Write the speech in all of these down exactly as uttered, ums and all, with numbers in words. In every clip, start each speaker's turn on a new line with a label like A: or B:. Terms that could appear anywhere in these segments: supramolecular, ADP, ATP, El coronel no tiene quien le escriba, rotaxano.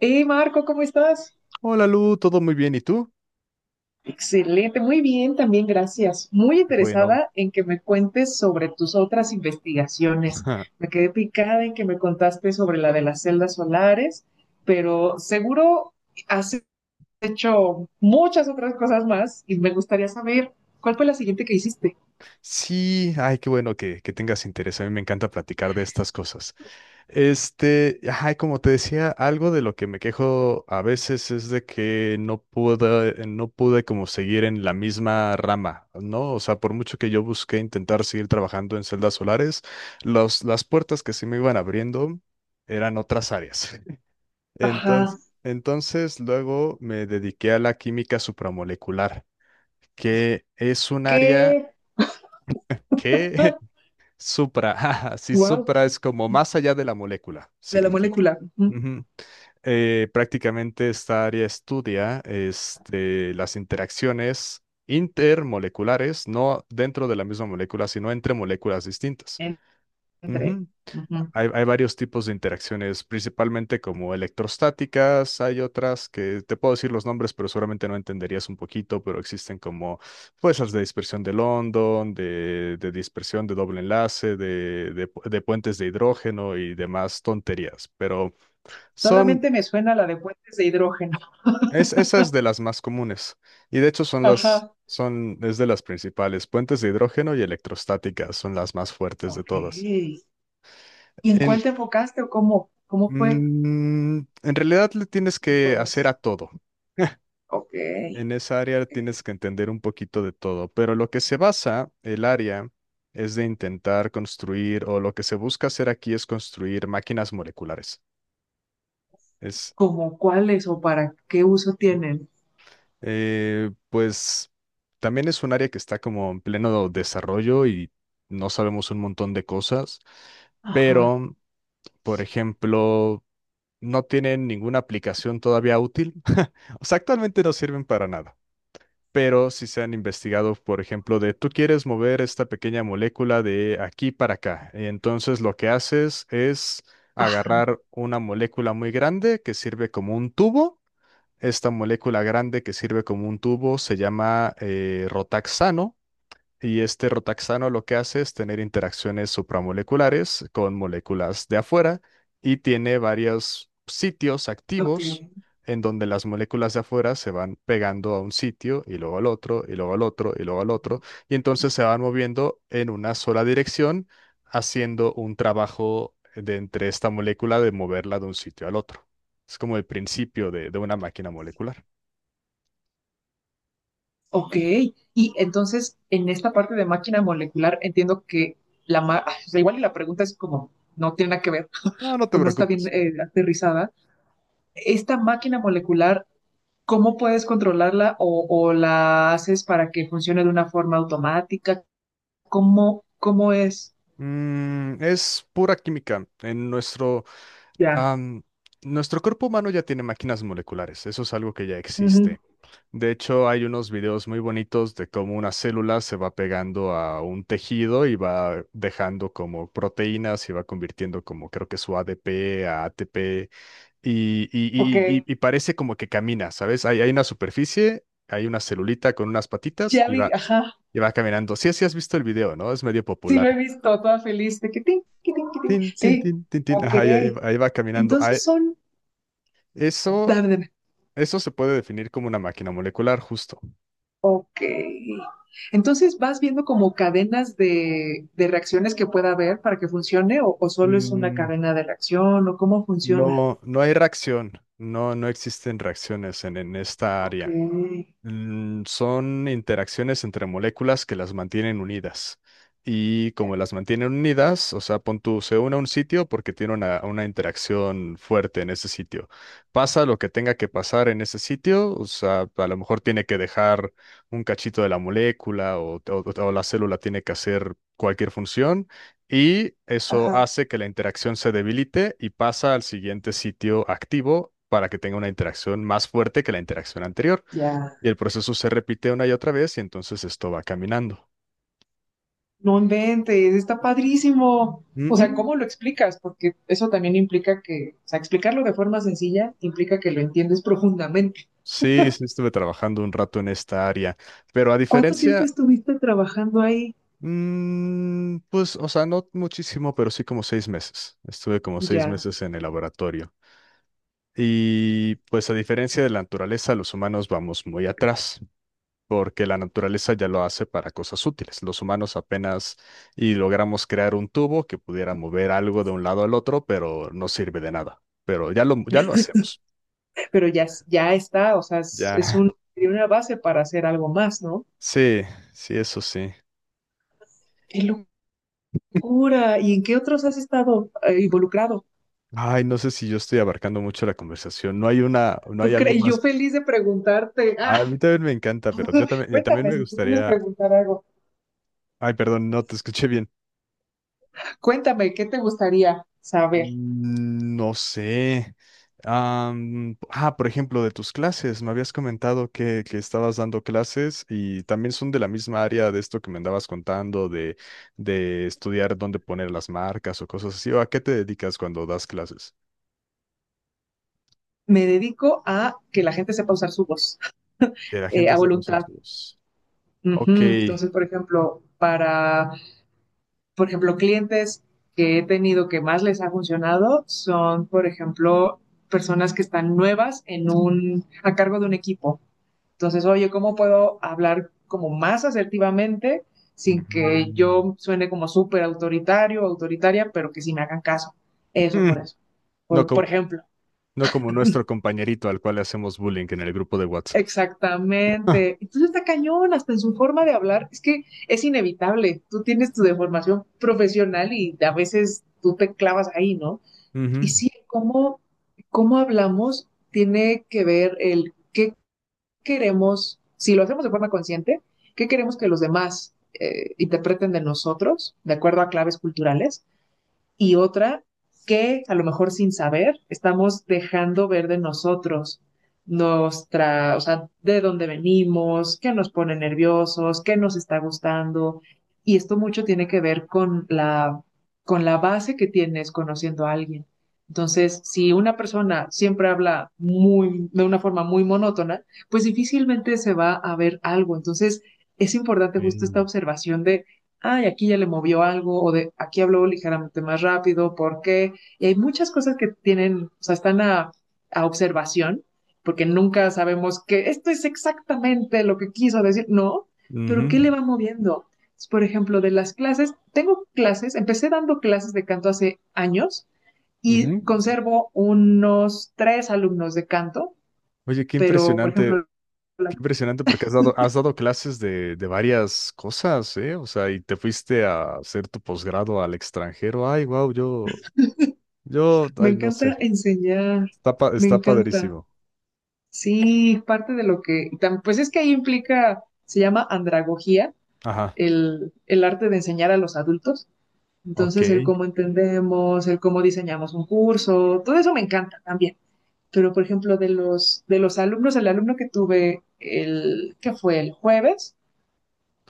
A: Hey Marco, ¿cómo estás?
B: Hola Lu, todo muy bien, ¿y tú?
A: Excelente, muy bien, también gracias. Muy
B: Bueno,
A: interesada en que me cuentes sobre tus otras investigaciones. Me quedé picada en que me contaste sobre la de las celdas solares, pero seguro has hecho muchas otras cosas más y me gustaría saber cuál fue la siguiente que hiciste.
B: sí, ay, qué bueno que, que tengas interés, a mí me encanta platicar de estas cosas. Este, ay, como te decía, algo de lo que me quejo a veces es de que no pude, no pude como seguir en la misma rama, ¿no? O sea, por mucho que yo busqué intentar seguir trabajando en celdas solares, los, las puertas que se me iban abriendo eran otras áreas.
A: Ajá,
B: Entonces, entonces luego me dediqué a la química supramolecular, que es un área
A: qué
B: que supra, si
A: wow,
B: supra es como más allá de la molécula,
A: de la
B: significa.
A: molécula. Ujú,
B: Ujú. Eh, prácticamente esta área estudia este, las interacciones intermoleculares, no dentro de la misma molécula, sino entre moléculas distintas.
A: en- Entre.
B: Ujú.
A: Ujú.
B: Hay, hay varios tipos de interacciones, principalmente como electrostáticas. Hay otras que te puedo decir los nombres, pero seguramente no entenderías un poquito, pero existen como fuerzas de dispersión de London, de, de dispersión de doble enlace, de, de pu- de puentes de hidrógeno y demás tonterías, pero son,
A: Solamente me suena la de puentes de hidrógeno.
B: es, esas de las más comunes, y de hecho son las,
A: Ajá.
B: son, es de las principales. Puentes de hidrógeno y electrostáticas son las más fuertes de
A: Ok.
B: todas.
A: ¿Y en
B: En,
A: cuál te enfocaste o cómo, cómo fue?
B: Mm, en realidad le tienes que hacer
A: Todas.
B: a todo.
A: Ok.
B: En esa área tienes que entender un poquito de todo, pero lo que se basa el área es de intentar construir, o lo que se busca hacer aquí es construir máquinas moleculares. Es,
A: ¿Cómo cuáles o para qué uso tienen?
B: eh, pues, también es un área que está como en pleno desarrollo y no sabemos un montón de cosas,
A: Ajá,
B: pero, por ejemplo, no tienen ninguna aplicación todavía útil. O sea, actualmente no sirven para nada. Pero si se han investigado, por ejemplo, de tú quieres mover esta pequeña molécula de aquí para acá. Entonces lo que haces es
A: ajá,
B: agarrar una molécula muy grande que sirve como un tubo. Esta molécula grande que sirve como un tubo se llama eh, rotaxano, y este rotaxano lo que hace es tener interacciones supramoleculares con moléculas de afuera y tiene varios sitios
A: ok,
B: activos en donde las moléculas de afuera se van pegando a un sitio y luego al otro y luego al otro y luego al otro, y entonces se van moviendo en una sola dirección haciendo un trabajo de entre esta molécula de moverla de un sitio al otro. Es como el principio de, de una máquina molecular.
A: ok. Y entonces, en esta parte de máquina molecular, entiendo que la ma- o sea, igual y la pregunta es como, no tiene nada que ver
B: No, no te
A: o no está bien
B: preocupes.
A: eh, aterrizada. Esta máquina molecular, ¿cómo puedes controlarla o, o la haces para que funcione de una forma automática? ¿Cómo, cómo es?
B: Mm, es pura química. En nuestro
A: Ya.
B: Am, Nuestro cuerpo humano ya tiene máquinas moleculares, eso es algo que ya
A: Ujú.
B: existe. De hecho, hay unos videos muy bonitos de cómo una célula se va pegando a un tejido y va dejando como proteínas y va convirtiendo como creo que su A D P a ATP, y,
A: Ok.
B: y- y- y- y parece como que camina, ¿sabes? Hay, hay una superficie, hay una celulita con unas patitas
A: Ya
B: y
A: vi,
B: va,
A: ajá,
B: y va caminando. Sí, sí has visto el video, ¿no? Es medio
A: sí lo he
B: popular.
A: visto, toda feliz, de que tin, que tin, que tin.
B: Tin, tin,
A: Sí,
B: tin, tin, tin.
A: ok.
B: Ajá, y ahí, ahí va caminando. Ah,
A: Entonces son,
B: eso
A: dame, dame,
B: Eso se puede definir como una máquina molecular, justo.
A: ok. Entonces vas viendo como cadenas de, de reacciones que pueda haber para que funcione, o, o solo es una
B: Mm,
A: cadena de reacción o cómo funciona.
B: no, no hay reacción, no, no existen reacciones en, en esta
A: Ok,
B: área. Mm, son interacciones entre moléculas que las mantienen unidas. Y
A: ya,
B: como las mantienen unidas, o sea, pon tú, se une a un sitio porque tiene una, una interacción fuerte en ese sitio. Pasa lo que tenga que pasar en ese sitio, o sea, a lo mejor tiene que dejar un cachito de la molécula, o, o o la célula tiene que hacer cualquier función, y eso
A: ajá,
B: hace que la interacción se debilite y pasa al siguiente sitio activo para que tenga una interacción más fuerte que la interacción anterior.
A: ya.
B: Y el proceso se repite una y otra vez y entonces esto va caminando.
A: No inventes, está padrísimo. O sea,
B: Ujú.
A: ¿cómo lo explicas? Porque eso también implica que, o sea, explicarlo de forma sencilla implica que lo entiendes profundamente.
B: Sí, sí, estuve trabajando un rato en esta área, pero a
A: ¿Cuánto tiempo
B: diferencia,
A: estuviste trabajando ahí?
B: mm, pues, o sea, no muchísimo, pero sí como seis meses. Estuve como seis
A: Ya,
B: meses en el laboratorio. Y pues a diferencia de la naturaleza, los humanos vamos muy atrás, porque la naturaleza ya lo hace para cosas útiles. Los humanos apenas y logramos crear un tubo que pudiera mover algo de un lado al otro, pero no sirve de nada. Pero ya lo, ya lo hacemos.
A: pero ya, es, ya está, o sea, es, es
B: Ya,
A: un- sería una base para hacer algo más, ¿no?
B: sí, sí, eso sí.
A: ¡Qué locura! ¿Y en qué otros has estado eh, involucrado?
B: Ay, no sé si yo estoy abarcando mucho la conversación. No hay una, no hay
A: ¿Tú
B: algo
A: crees? Yo
B: más.
A: feliz de preguntarte. Ah,
B: A mí también me encanta, pero yo también, eh, también
A: cuéntame,
B: me
A: si tú quieres
B: gustaría.
A: preguntar algo,
B: Ay, perdón, no te escuché bien.
A: cuéntame, ¿qué te gustaría saber?
B: Mm, No sé. Am, ah, por ejemplo, de tus clases, me habías comentado que, que estabas dando clases y también son de la misma área de esto que me andabas contando, de, de estudiar dónde poner las marcas o cosas así. ¿O a qué te dedicas cuando das clases?
A: Me dedico a que la gente sepa usar su voz,
B: Que la
A: eh,
B: gente
A: a
B: sepa usar
A: voluntad.
B: su voz. Ok.
A: Ujú. Entonces, por ejemplo, para por ejemplo, clientes que he tenido que más les ha funcionado son, por ejemplo, personas que están nuevas en un, a cargo de un equipo. Entonces, oye, ¿cómo puedo hablar como más asertivamente sin que
B: Mm.
A: yo suene como súper autoritario o autoritaria, pero que sí me hagan caso? Eso por
B: Mm,
A: eso.
B: no
A: Por, por
B: como,
A: ejemplo,
B: no como nuestro compañerito al cual le hacemos bullying en el grupo de WhatsApp. Ah,
A: exactamente. Entonces está cañón, hasta en su forma de hablar. Es que es inevitable. Tú tienes tu deformación profesional y a veces tú te clavas ahí, ¿no? Y
B: ujú.
A: sí, cómo, cómo hablamos tiene que ver el qué queremos, si lo hacemos de forma consciente, qué queremos que los demás eh, interpreten de nosotros, de acuerdo a claves culturales y otra que a lo mejor sin saber estamos dejando ver de nosotros nuestra, o sea, de dónde venimos, qué nos pone nerviosos, qué nos está gustando. Y esto mucho tiene que ver con la, con la base que tienes conociendo a alguien. Entonces, si una persona siempre habla muy, de una forma muy monótona, pues difícilmente se va a ver algo. Entonces, es importante justo esta
B: Sí.
A: observación de ay, aquí ya le movió algo, o de aquí habló ligeramente más rápido, ¿por qué? Y hay muchas cosas que tienen, o sea, están a, a observación, porque nunca sabemos que esto es exactamente lo que quiso decir, no,
B: Ujú,
A: pero ¿qué le va moviendo? Por ejemplo, de las clases, tengo clases, empecé dando clases de canto hace años y
B: ujú.
A: conservo unos tres alumnos de canto,
B: Oye, qué
A: pero, por
B: impresionante,
A: ejemplo,
B: qué
A: la-
B: impresionante porque has dado, has dado clases de, de varias cosas, ¿eh? O sea, y te fuiste a hacer tu posgrado al extranjero. Ay, wow, yo, yo,
A: me
B: ay, no sé.
A: encanta enseñar,
B: Está, pa-
A: me
B: está
A: encanta.
B: padrísimo.
A: Sí, es parte de lo que, tam- pues es que ahí implica, se llama andragogía,
B: Ajá.
A: el, el arte de enseñar a los adultos.
B: Ok.
A: Entonces, el cómo entendemos, el cómo diseñamos un curso, todo eso me encanta también. Pero, por ejemplo, de los, de los alumnos, el alumno que tuve el, que fue el jueves,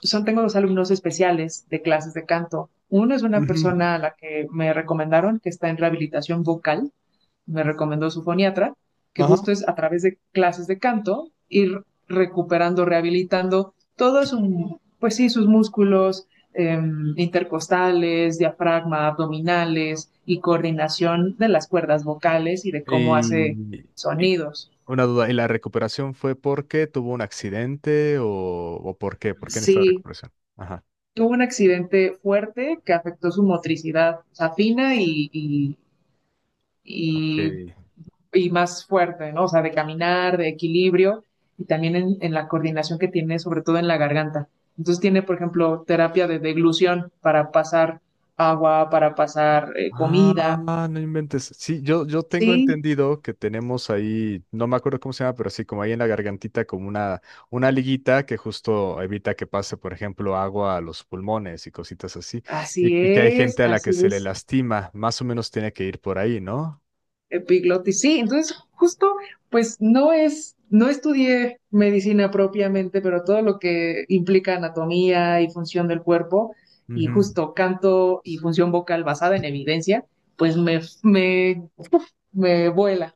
A: son, tengo dos alumnos especiales de clases de canto. Uno es una
B: Ujú,
A: persona a la que me recomendaron que está en rehabilitación vocal, me recomendó su foniatra, que
B: ajá.
A: justo es a través de clases de canto ir recuperando, rehabilitando todo su, pues sí, sus músculos eh, intercostales, diafragma, abdominales y coordinación de las cuerdas vocales y de cómo hace
B: Y, y-
A: sonidos.
B: Una duda, ¿y la recuperación fue porque tuvo un accidente o, o por qué? ¿Por qué necesita
A: Sí,
B: recuperación? Ajá,
A: tuvo un accidente fuerte que afectó su motricidad, o sea, fina y, y,
B: ok.
A: y y más fuerte, ¿no? O sea, de caminar, de equilibrio y también en, en la coordinación que tiene, sobre todo en la garganta. Entonces tiene, por ejemplo, terapia de deglución para pasar agua, para pasar eh, comida.
B: Ah, no inventes. Sí, yo, yo tengo
A: Sí,
B: entendido que tenemos ahí, no me acuerdo cómo se llama, pero sí, como ahí en la gargantita, como una, una liguita que justo evita que pase, por ejemplo, agua a los pulmones y cositas así. Y,
A: así
B: y que hay
A: es,
B: gente a la que
A: así
B: se le
A: es.
B: lastima, más o menos tiene que ir por ahí, ¿no?
A: Epiglotis, sí. Entonces, justo, pues no es, no estudié medicina propiamente, pero todo lo que implica anatomía y función del cuerpo y
B: Ujú,
A: justo canto y función vocal basada en evidencia, pues me, me me vuela.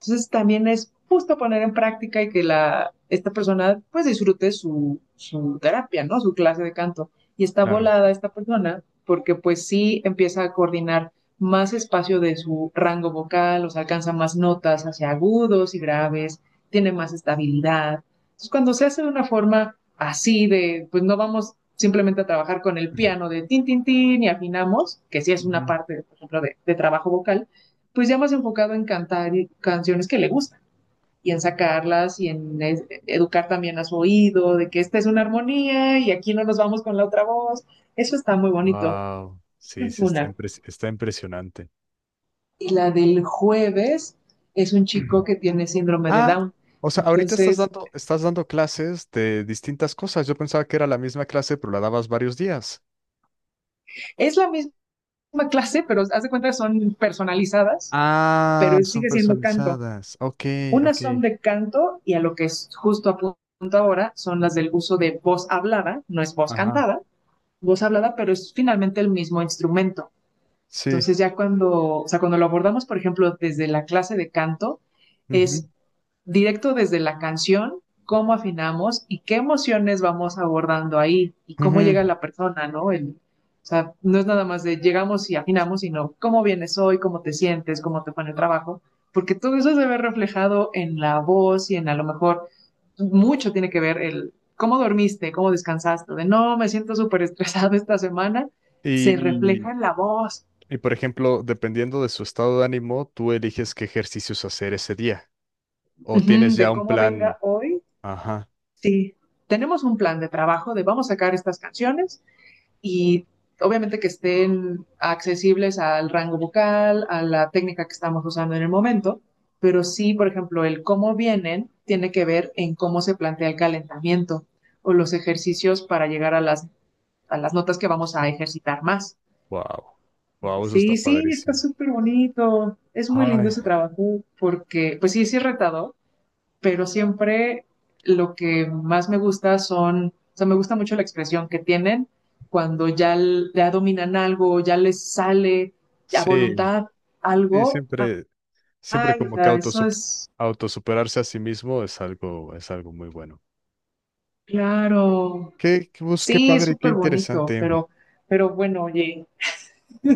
A: Entonces también es justo poner en práctica y que la, esta persona pues disfrute su, su terapia, ¿no? Su clase de canto. Y está
B: claro.
A: volada esta persona porque pues sí empieza a coordinar más espacio de su rango vocal, o sea, alcanza más notas hacia agudos y graves, tiene más estabilidad. Entonces cuando se hace de una forma así de, pues no vamos simplemente a trabajar con el piano de tin, tin, tin y afinamos, que sí es una parte, por ejemplo, de, de trabajo vocal, pues ya más enfocado en cantar canciones que le gustan y en sacarlas y en es- educar también a su oído de que esta es una armonía y aquí no nos vamos con la otra voz. Eso está muy bonito.
B: Wow,
A: Esa
B: sí,
A: es
B: sí, está
A: una.
B: impres- está impresionante.
A: Y la del jueves es un chico que tiene síndrome de
B: Ah,
A: Down.
B: o sea, ahorita estás
A: Entonces,
B: dando, estás dando clases de distintas cosas. Yo pensaba que era la misma clase, pero la dabas varios días.
A: es la misma clase, pero haz de cuenta que son personalizadas,
B: Ah,
A: pero es-
B: son
A: sigue siendo canto.
B: personalizadas. Ok, ok.
A: Unas son de canto y a lo que es justo a punto ahora son las del uso de voz hablada, no es voz
B: Ajá.
A: cantada, voz hablada, pero es finalmente el mismo instrumento.
B: Sí.
A: Entonces ya cuando, o sea, cuando lo abordamos, por ejemplo, desde la clase de canto,
B: Ujú,
A: es directo desde la canción, cómo afinamos y qué emociones vamos abordando ahí y cómo
B: ujú.
A: llega la persona, ¿no? El, o sea, no es nada más de llegamos y afinamos, sino cómo vienes hoy, cómo te sientes, cómo te fue en el trabajo, porque todo eso se ve reflejado en la voz y en a lo mejor mucho tiene que ver el cómo dormiste, cómo descansaste, de no, me siento súper estresado esta semana,
B: Y,
A: se refleja
B: y-
A: en la voz
B: y, por ejemplo, dependiendo de su estado de ánimo, tú eliges qué ejercicios hacer ese día.
A: uh
B: O tienes
A: -huh,
B: ya
A: de
B: un
A: cómo
B: plan.
A: venga hoy.
B: Ajá.
A: Sí, tenemos un plan de trabajo de vamos a sacar estas canciones y obviamente que estén accesibles al rango vocal, a la técnica que estamos usando en el momento, pero sí, por ejemplo, el cómo vienen tiene que ver en cómo se plantea el calentamiento o los ejercicios para llegar a las, a las notas que vamos a ejercitar más.
B: Wow. Wow, eso está
A: Sí, sí, está
B: padrísimo.
A: súper bonito. Es muy lindo
B: Ay.
A: ese trabajo porque, pues sí, sí es retador, pero siempre lo que más me gusta son, o sea, me gusta mucho la expresión que tienen cuando ya, ya dominan algo, ya les sale a
B: Sí,
A: voluntad
B: sí,
A: algo.
B: siempre. Siempre
A: Ay, o
B: como que
A: sea, eso
B: autosup-
A: es
B: autosuperarse a sí mismo es algo, es algo muy bueno.
A: claro.
B: Qué, qué, bus- qué
A: Sí, es
B: padre, qué
A: súper bonito,
B: interesante.
A: pero, pero bueno, oye,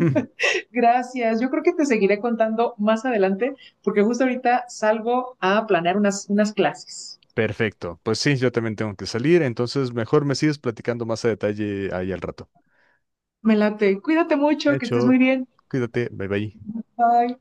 B: Mm,
A: gracias. Yo creo que te seguiré contando más adelante, porque justo ahorita salgo a planear unas, unas clases.
B: perfecto. Pues sí, yo también tengo que salir, entonces mejor me sigues platicando más a detalle ahí al rato.
A: Me late. Cuídate mucho, que estés muy
B: Hecho,
A: bien.
B: cuídate, bye bye.
A: Bye.